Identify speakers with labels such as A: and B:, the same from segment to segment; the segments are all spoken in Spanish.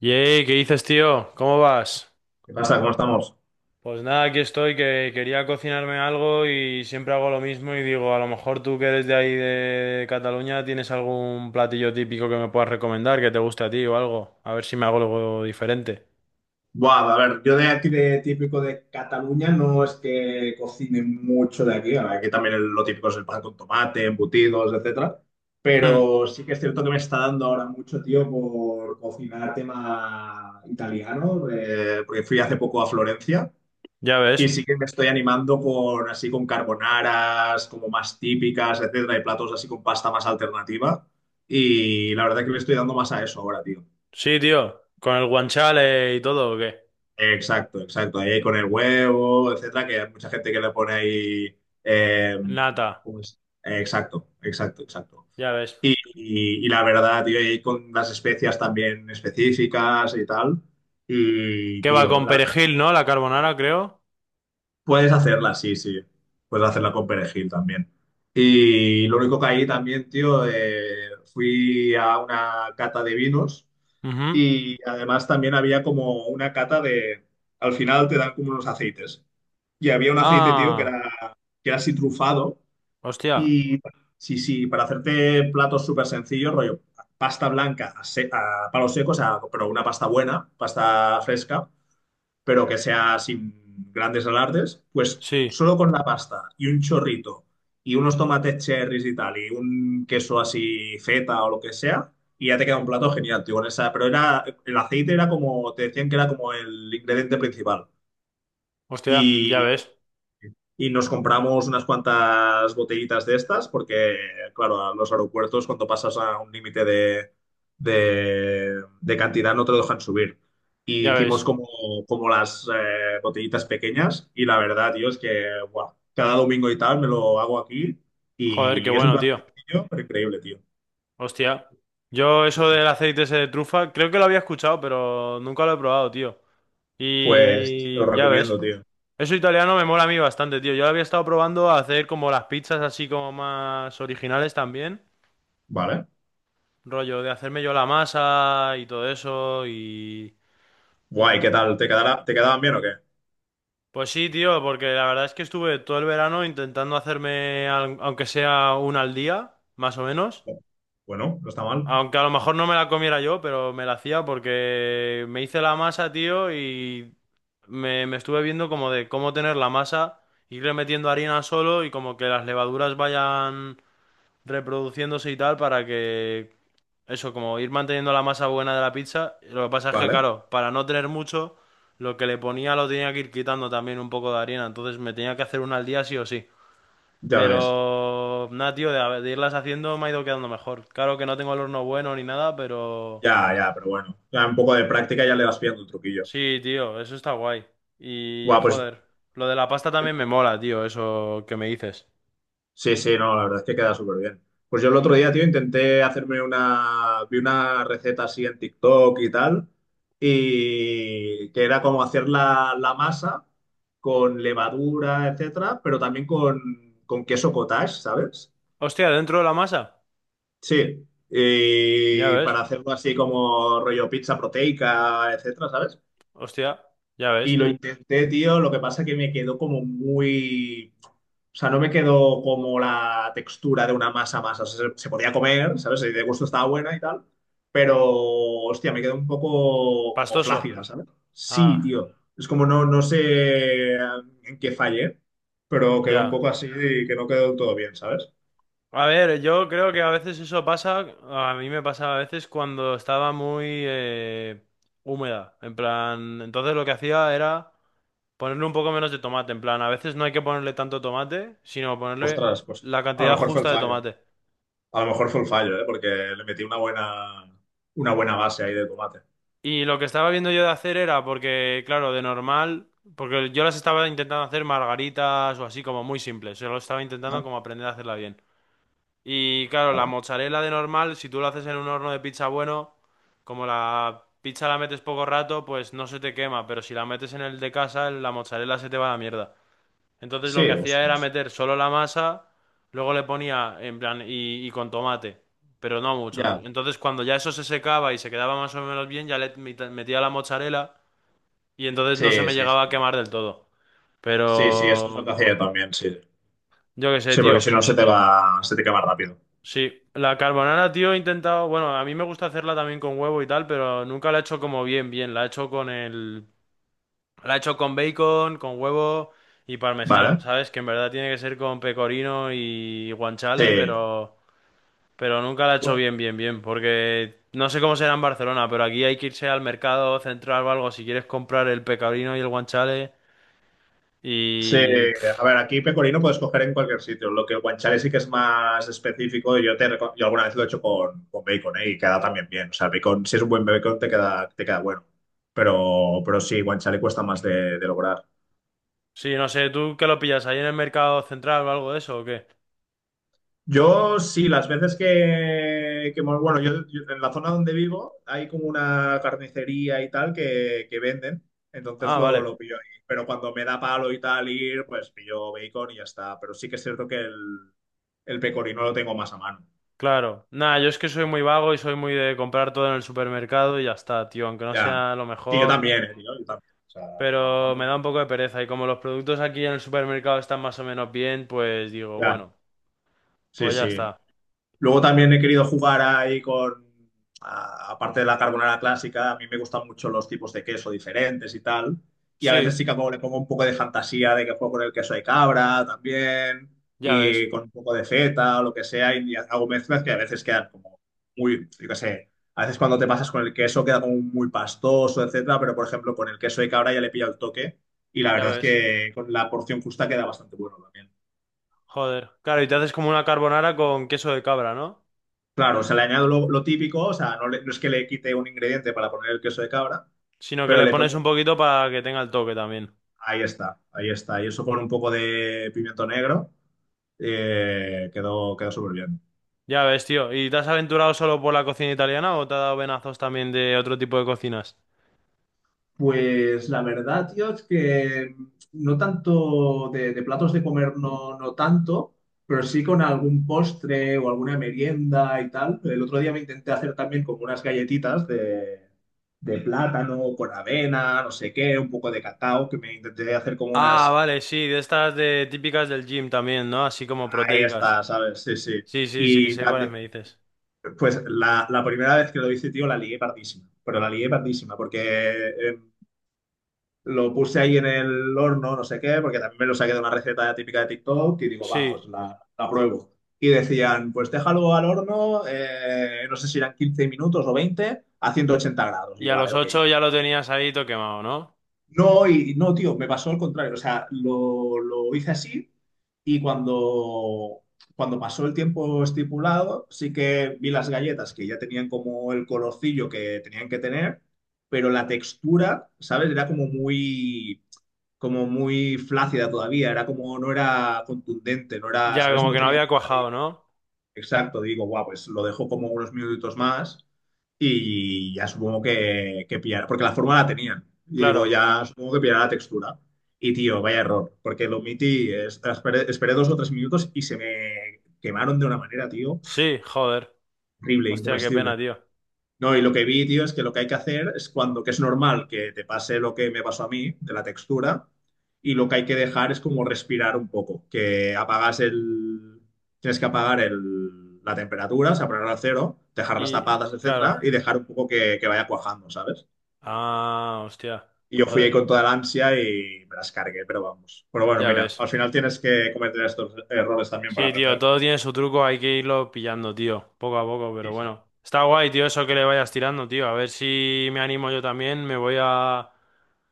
A: Yey, ¿qué dices, tío? ¿Cómo vas?
B: ¿Qué pasa? ¿Cómo estamos?
A: Pues nada, aquí estoy, que quería cocinarme algo y siempre hago lo mismo y digo, a lo mejor tú que eres de ahí de Cataluña tienes algún platillo típico que me puedas recomendar, que te guste a ti o algo, a ver si me hago algo diferente.
B: Buah, a ver, yo de aquí de típico de Cataluña no es que cocine mucho de aquí. Ahora, aquí también lo típico es el pan con tomate, embutidos, etcétera.
A: Hmm,
B: Pero sí que es cierto que me está dando ahora mucho, tío, por cocinar tema italiano, porque fui hace poco a Florencia
A: ya ves.
B: y sí que me estoy animando con así con carbonaras como más típicas, etcétera, y platos así con pasta más alternativa. Y la verdad que me estoy dando más a eso ahora, tío.
A: Sí, tío, con el guanchale y todo, ¿o qué?
B: Exacto, exacto. Ahí con el huevo, etcétera, que hay mucha gente que le pone ahí. eh,
A: Nata,
B: ¿Cómo es? Exacto, exacto, exacto.
A: ya ves.
B: Y la verdad, tío, y con las especias también específicas y tal. Y,
A: ¿Qué va
B: tío,
A: con
B: la verdad,
A: perejil, no? La carbonara, creo.
B: puedes hacerla, sí, sí. Puedes hacerla con perejil también. Y lo único que ahí también, tío, fui a una cata de vinos
A: Ujú.
B: y además también había como una cata de. Al final te dan como unos aceites. Y había un aceite, tío,
A: Ah,
B: que era así trufado.
A: hostia,
B: Y sí, sí, para hacerte platos súper sencillos, rollo, pasta blanca a palos secos, a- pero una pasta buena, pasta fresca, pero que sea sin grandes alardes, pues
A: sí,
B: solo con la pasta y un chorrito y unos tomates cherries y tal, y un queso así feta o lo que sea. Y ya te queda un plato genial, tío, con esa. Pero era, el aceite era como, te decían que era como el ingrediente principal.
A: hostia, ya
B: Y,
A: ves,
B: y nos compramos unas cuantas botellitas de estas, porque, claro, a los aeropuertos cuando pasas a un límite de cantidad no te lo dejan subir. Y
A: ya
B: hicimos
A: ves.
B: como, como las botellitas pequeñas y la verdad, tío, es que buah, cada domingo y tal me lo hago aquí
A: Joder, qué
B: y es un
A: bueno,
B: plan
A: tío.
B: sencillo, pero increíble, tío.
A: Hostia, yo eso
B: Sí,
A: del
B: sí.
A: aceite ese de trufa, creo que lo había escuchado, pero nunca lo he probado, tío.
B: Pues te lo
A: Y ya ves,
B: recomiendo, tío.
A: eso italiano me mola a mí bastante, tío. Yo lo había estado probando a hacer como las pizzas así como más originales también,
B: Vale.
A: rollo de hacerme yo la masa y todo eso y
B: Guay, ¿qué
A: intentar.
B: tal? ¿Te quedará, te quedaban bien o qué?
A: Pues sí, tío, porque la verdad es que estuve todo el verano intentando hacerme, aunque sea una al día, más o menos.
B: Bueno, no está mal.
A: Aunque a lo mejor no me la comiera yo, pero me la hacía porque me hice la masa, tío, y me estuve viendo como de cómo tener la masa, irle metiendo harina solo y como que las levaduras vayan reproduciéndose y tal para que eso, como ir manteniendo la masa buena de la pizza. Lo que pasa es que,
B: Vale,
A: claro, para no tener mucho, lo que le ponía lo tenía que ir quitando también un poco de harina, entonces me tenía que hacer una al día sí o sí.
B: ya ves.
A: Pero nada, tío, de irlas haciendo me ha ido quedando mejor. Claro que no tengo el horno bueno ni nada, pero
B: Ya, ya, pero bueno, ya un poco de práctica ya le vas pillando el truquillo.
A: sí, tío, eso está guay. Y
B: Guau, pues
A: joder, lo de la pasta también me mola, tío, eso que me dices.
B: sí, sí, no, la verdad es que queda súper bien. Pues yo el otro día, tío, intenté hacerme una, vi una receta así en TikTok y tal, y que era como hacer la masa con levadura, etcétera, pero también con queso cottage, ¿sabes?
A: Hostia, dentro de la masa.
B: Sí,
A: Ya
B: y
A: ves,
B: para hacerlo así como rollo pizza proteica, etcétera, ¿sabes?
A: hostia, ya ves.
B: Y lo intenté, tío, lo que pasa que me quedó como muy... O sea, no me quedó como la textura de una masa masa. O sea, se podía comer, ¿sabes? Y de gusto estaba buena y tal. Pero, hostia, me quedó un poco como
A: Pastoso.
B: flácida, ¿sabes? Sí,
A: Ah,
B: tío. Es como no, no sé en qué fallé, pero quedó un
A: ya.
B: poco así y que no quedó del todo bien, ¿sabes?
A: A ver, yo creo que a veces eso pasa, a mí me pasaba a veces cuando estaba muy húmeda. En plan, entonces lo que hacía era... Ponerle un poco menos de tomate, en plan, a veces no hay que ponerle tanto tomate, sino ponerle
B: Ostras, pues
A: la
B: a lo
A: cantidad
B: mejor fue el
A: justa de
B: fallo.
A: tomate.
B: A lo mejor fue el fallo, ¿eh? Porque le metí una buena base ahí de tomate.
A: Y lo que estaba viendo yo de hacer era, porque, claro, de normal, porque yo las estaba intentando hacer margaritas o así como muy simples, yo lo estaba intentando
B: Ajá.
A: como aprender a hacerla bien. Y claro, la
B: Vale.
A: mozzarella de normal, si tú lo haces en un horno de pizza bueno, como la pizza la metes poco rato, pues no se te quema, pero si la metes en el de casa, la mozzarella se te va a la mierda. Entonces lo
B: Sí,
A: que hacía era
B: ostras.
A: meter solo la masa, luego le ponía en plan y con tomate, pero no muchos.
B: Ya.
A: Entonces cuando ya eso se secaba y se quedaba más o menos bien, ya metía la mozzarella y entonces no se
B: Sí,
A: me
B: sí,
A: llegaba a
B: sí.
A: quemar del todo.
B: Sí, sí, eso es lo que
A: Pero
B: hacía yo también, sí.
A: yo qué sé,
B: Sí, porque
A: tío.
B: si no se te va, se te quema rápido.
A: Sí, la carbonara, tío, he intentado, bueno, a mí me gusta hacerla también con huevo y tal, pero nunca la he hecho como bien, bien. La he hecho con bacon, con huevo y parmesano,
B: Vale.
A: ¿sabes? Que en verdad tiene que ser con pecorino y guanciale,
B: Sí.
A: pero nunca la he hecho
B: Bu-
A: bien, bien, bien, porque no sé cómo será en Barcelona, pero aquí hay que irse al mercado central o algo si quieres comprar el pecorino y el guanchale.
B: sí,
A: Y
B: a
A: pf,
B: ver, aquí pecorino puedes coger en cualquier sitio. Lo que el guanciale sí que es más específico, yo alguna vez lo he hecho con bacon, ¿eh? Y queda también bien. O sea, el bacon, si es un buen bacon, te queda bueno. Pero sí, guanciale cuesta más de lograr.
A: sí, no sé, ¿tú qué lo pillas ahí en el mercado central o algo de eso o qué?
B: Yo sí, las veces bueno, en la zona donde vivo hay como una carnicería y tal que venden, entonces
A: Ah,
B: lo,
A: vale,
B: lo pillo ahí. Pero cuando me da palo y tal ir, pues pillo bacon y ya está. Pero sí que es cierto que el pecorino lo tengo más a mano.
A: claro. Nada, yo es que soy muy vago y soy muy de comprar todo en el supermercado y ya está, tío, aunque no
B: Ya.
A: sea lo
B: Sí, yo
A: mejor,
B: también, tío, yo también. O sea, que no,
A: pero me
B: no.
A: da un poco de pereza y como los productos aquí en el supermercado están más o menos bien, pues digo,
B: Ya.
A: bueno,
B: Sí,
A: pues ya
B: sí.
A: está.
B: Luego también he querido jugar ahí con, a- aparte de la carbonara clásica, a mí me gustan mucho los tipos de queso diferentes y tal. Y a veces
A: Sí,
B: sí que como le pongo un poco de fantasía de que juego con el queso de cabra también
A: ya ves,
B: y con un poco de feta o lo que sea y hago mezclas que a veces quedan como muy, yo qué sé, a veces cuando te pasas con el queso queda como muy pastoso, etcétera, pero por ejemplo con el queso de cabra ya le pilla el toque y la
A: ya
B: verdad es
A: ves.
B: que con la porción justa queda bastante bueno también.
A: Joder. Claro, y te haces como una carbonara con queso de cabra, ¿no?
B: Claro, o sea, le añado lo típico, o sea, no, le- no es que le quite un ingrediente para poner el queso de cabra,
A: Sino que
B: pero
A: le
B: le
A: pones
B: pongo,
A: un poquito para que tenga el toque también.
B: ahí está, y eso con un poco de pimiento negro, quedó, quedó súper bien.
A: Ya ves, tío. ¿Y te has aventurado solo por la cocina italiana o te ha dado venazos también de otro tipo de cocinas?
B: Pues la verdad, tío, es que no tanto de platos de comer, no, no tanto, pero sí con algún postre o alguna merienda y tal. El otro día me intenté hacer también como unas galletitas de plátano con avena, no sé qué, un poco de cacao, que me intenté hacer como
A: Ah,
B: unas...
A: vale, sí, de estas de típicas del gym también, ¿no? Así como
B: Ahí
A: proteicas.
B: está, ¿sabes? Sí, sí.
A: Sí, sí, sí,
B: Y
A: sé
B: la-
A: cuáles
B: que-
A: me dices.
B: pues la primera vez que lo hice, tío, la lié pardísima, pero la lié pardísima, porque eh, lo puse ahí en el horno, no sé qué, porque también me lo saqué de una receta típica de TikTok y digo, va, pues
A: Sí,
B: la pruebo. Y decían, pues déjalo al horno, no sé si eran 15 minutos o 20 a 180 grados. Y
A: y
B: yo,
A: a
B: vale,
A: los
B: ok.
A: 8 ya lo tenías ahí todo quemado, ¿no?
B: No, y no, tío, me pasó al contrario. O sea, lo hice así y cuando, cuando pasó el tiempo estipulado, sí que vi las galletas que ya tenían como el colorcillo que tenían que tener, pero la textura, ¿sabes? Era como muy flácida todavía, era como, no era contundente, no era,
A: Ya,
B: ¿sabes?
A: como
B: No
A: que no
B: tenía
A: había
B: pinta de...
A: cuajado, ¿no?
B: Exacto, digo, guau, pues lo dejo como unos minutitos más y ya supongo que pillará, porque la forma la tenían. Y digo,
A: Claro.
B: ya supongo que pillará la textura. Y tío, vaya error, porque lo omití, es- esperé, esperé 2 o 3 minutos y se me quemaron de una manera, tío,
A: Sí, joder.
B: horrible,
A: Hostia, qué pena,
B: incomestible.
A: tío.
B: No, y lo que vi, tío, es que lo que hay que hacer es cuando, que es normal que te pase lo que me pasó a mí, de la textura, y lo que hay que dejar es como respirar un poco, que apagas el, tienes que apagar el, la temperatura, o sea, ponerla a cero, dejar las tapadas,
A: Y, claro.
B: etcétera, y dejar un poco que vaya cuajando, ¿sabes?
A: Ah, hostia.
B: Y yo fui ahí
A: Joder.
B: con toda la ansia y me las cargué, pero vamos. Pero bueno,
A: Ya
B: mira,
A: ves.
B: al final tienes que cometer estos errores también para
A: Sí, tío,
B: aprender.
A: todo tiene su truco, hay que irlo pillando, tío, poco a poco, pero
B: Sí, sí.
A: bueno. Está guay, tío, eso que le vayas tirando, tío. A ver si me animo yo también, me voy a...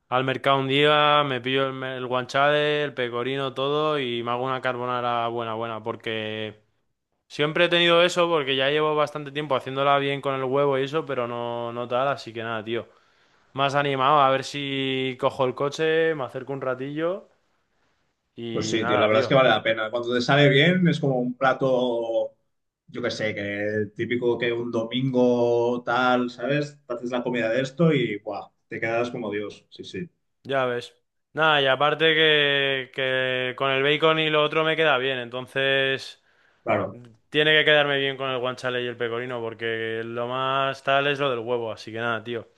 A: al mercado un día, me pillo el, me- el guanchale, el pecorino, todo y me hago una carbonara buena, buena, porque siempre he tenido eso, porque ya llevo bastante tiempo haciéndola bien con el huevo y eso, pero no, no tal, así que nada, tío. Más animado, a ver si cojo el coche, me acerco un ratillo
B: Pues
A: y
B: sí, tío, la
A: nada,
B: verdad es que
A: tío.
B: vale la pena. Cuando te sale bien, es como un plato, yo qué sé, que típico que un domingo tal, ¿sabes? Te haces la comida de esto y ¡buah! Te quedas como Dios. Sí, sí.
A: Ya ves. Nada, y aparte que con el bacon y lo otro me queda bien, entonces
B: Claro,
A: tiene que quedarme bien con el guanciale y el pecorino, porque lo más tal es lo del huevo, así que nada, tío.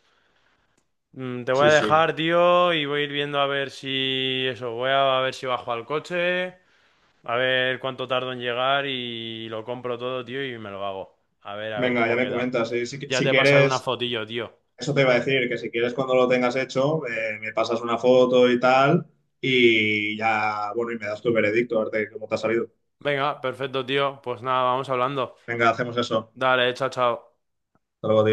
A: Mm, te voy a
B: sí, sí.
A: dejar, tío, y voy a ir viendo a ver si eso, voy a ver si bajo al coche, a ver cuánto tardo en llegar y lo compro todo, tío, y me lo hago. A ver
B: Venga, ya
A: cómo
B: me
A: queda.
B: comentas. Si, qui-
A: Ya
B: si
A: te pasaré una
B: quieres,
A: fotillo, tío.
B: eso te iba a decir, que si quieres cuando lo tengas hecho, me pasas una foto y tal, y ya, bueno, y me das tu veredicto, a ver de cómo te ha salido.
A: Venga, perfecto, tío. Pues nada, vamos hablando.
B: Venga, hacemos eso.
A: Dale, chao, chao.
B: Hasta luego, tío.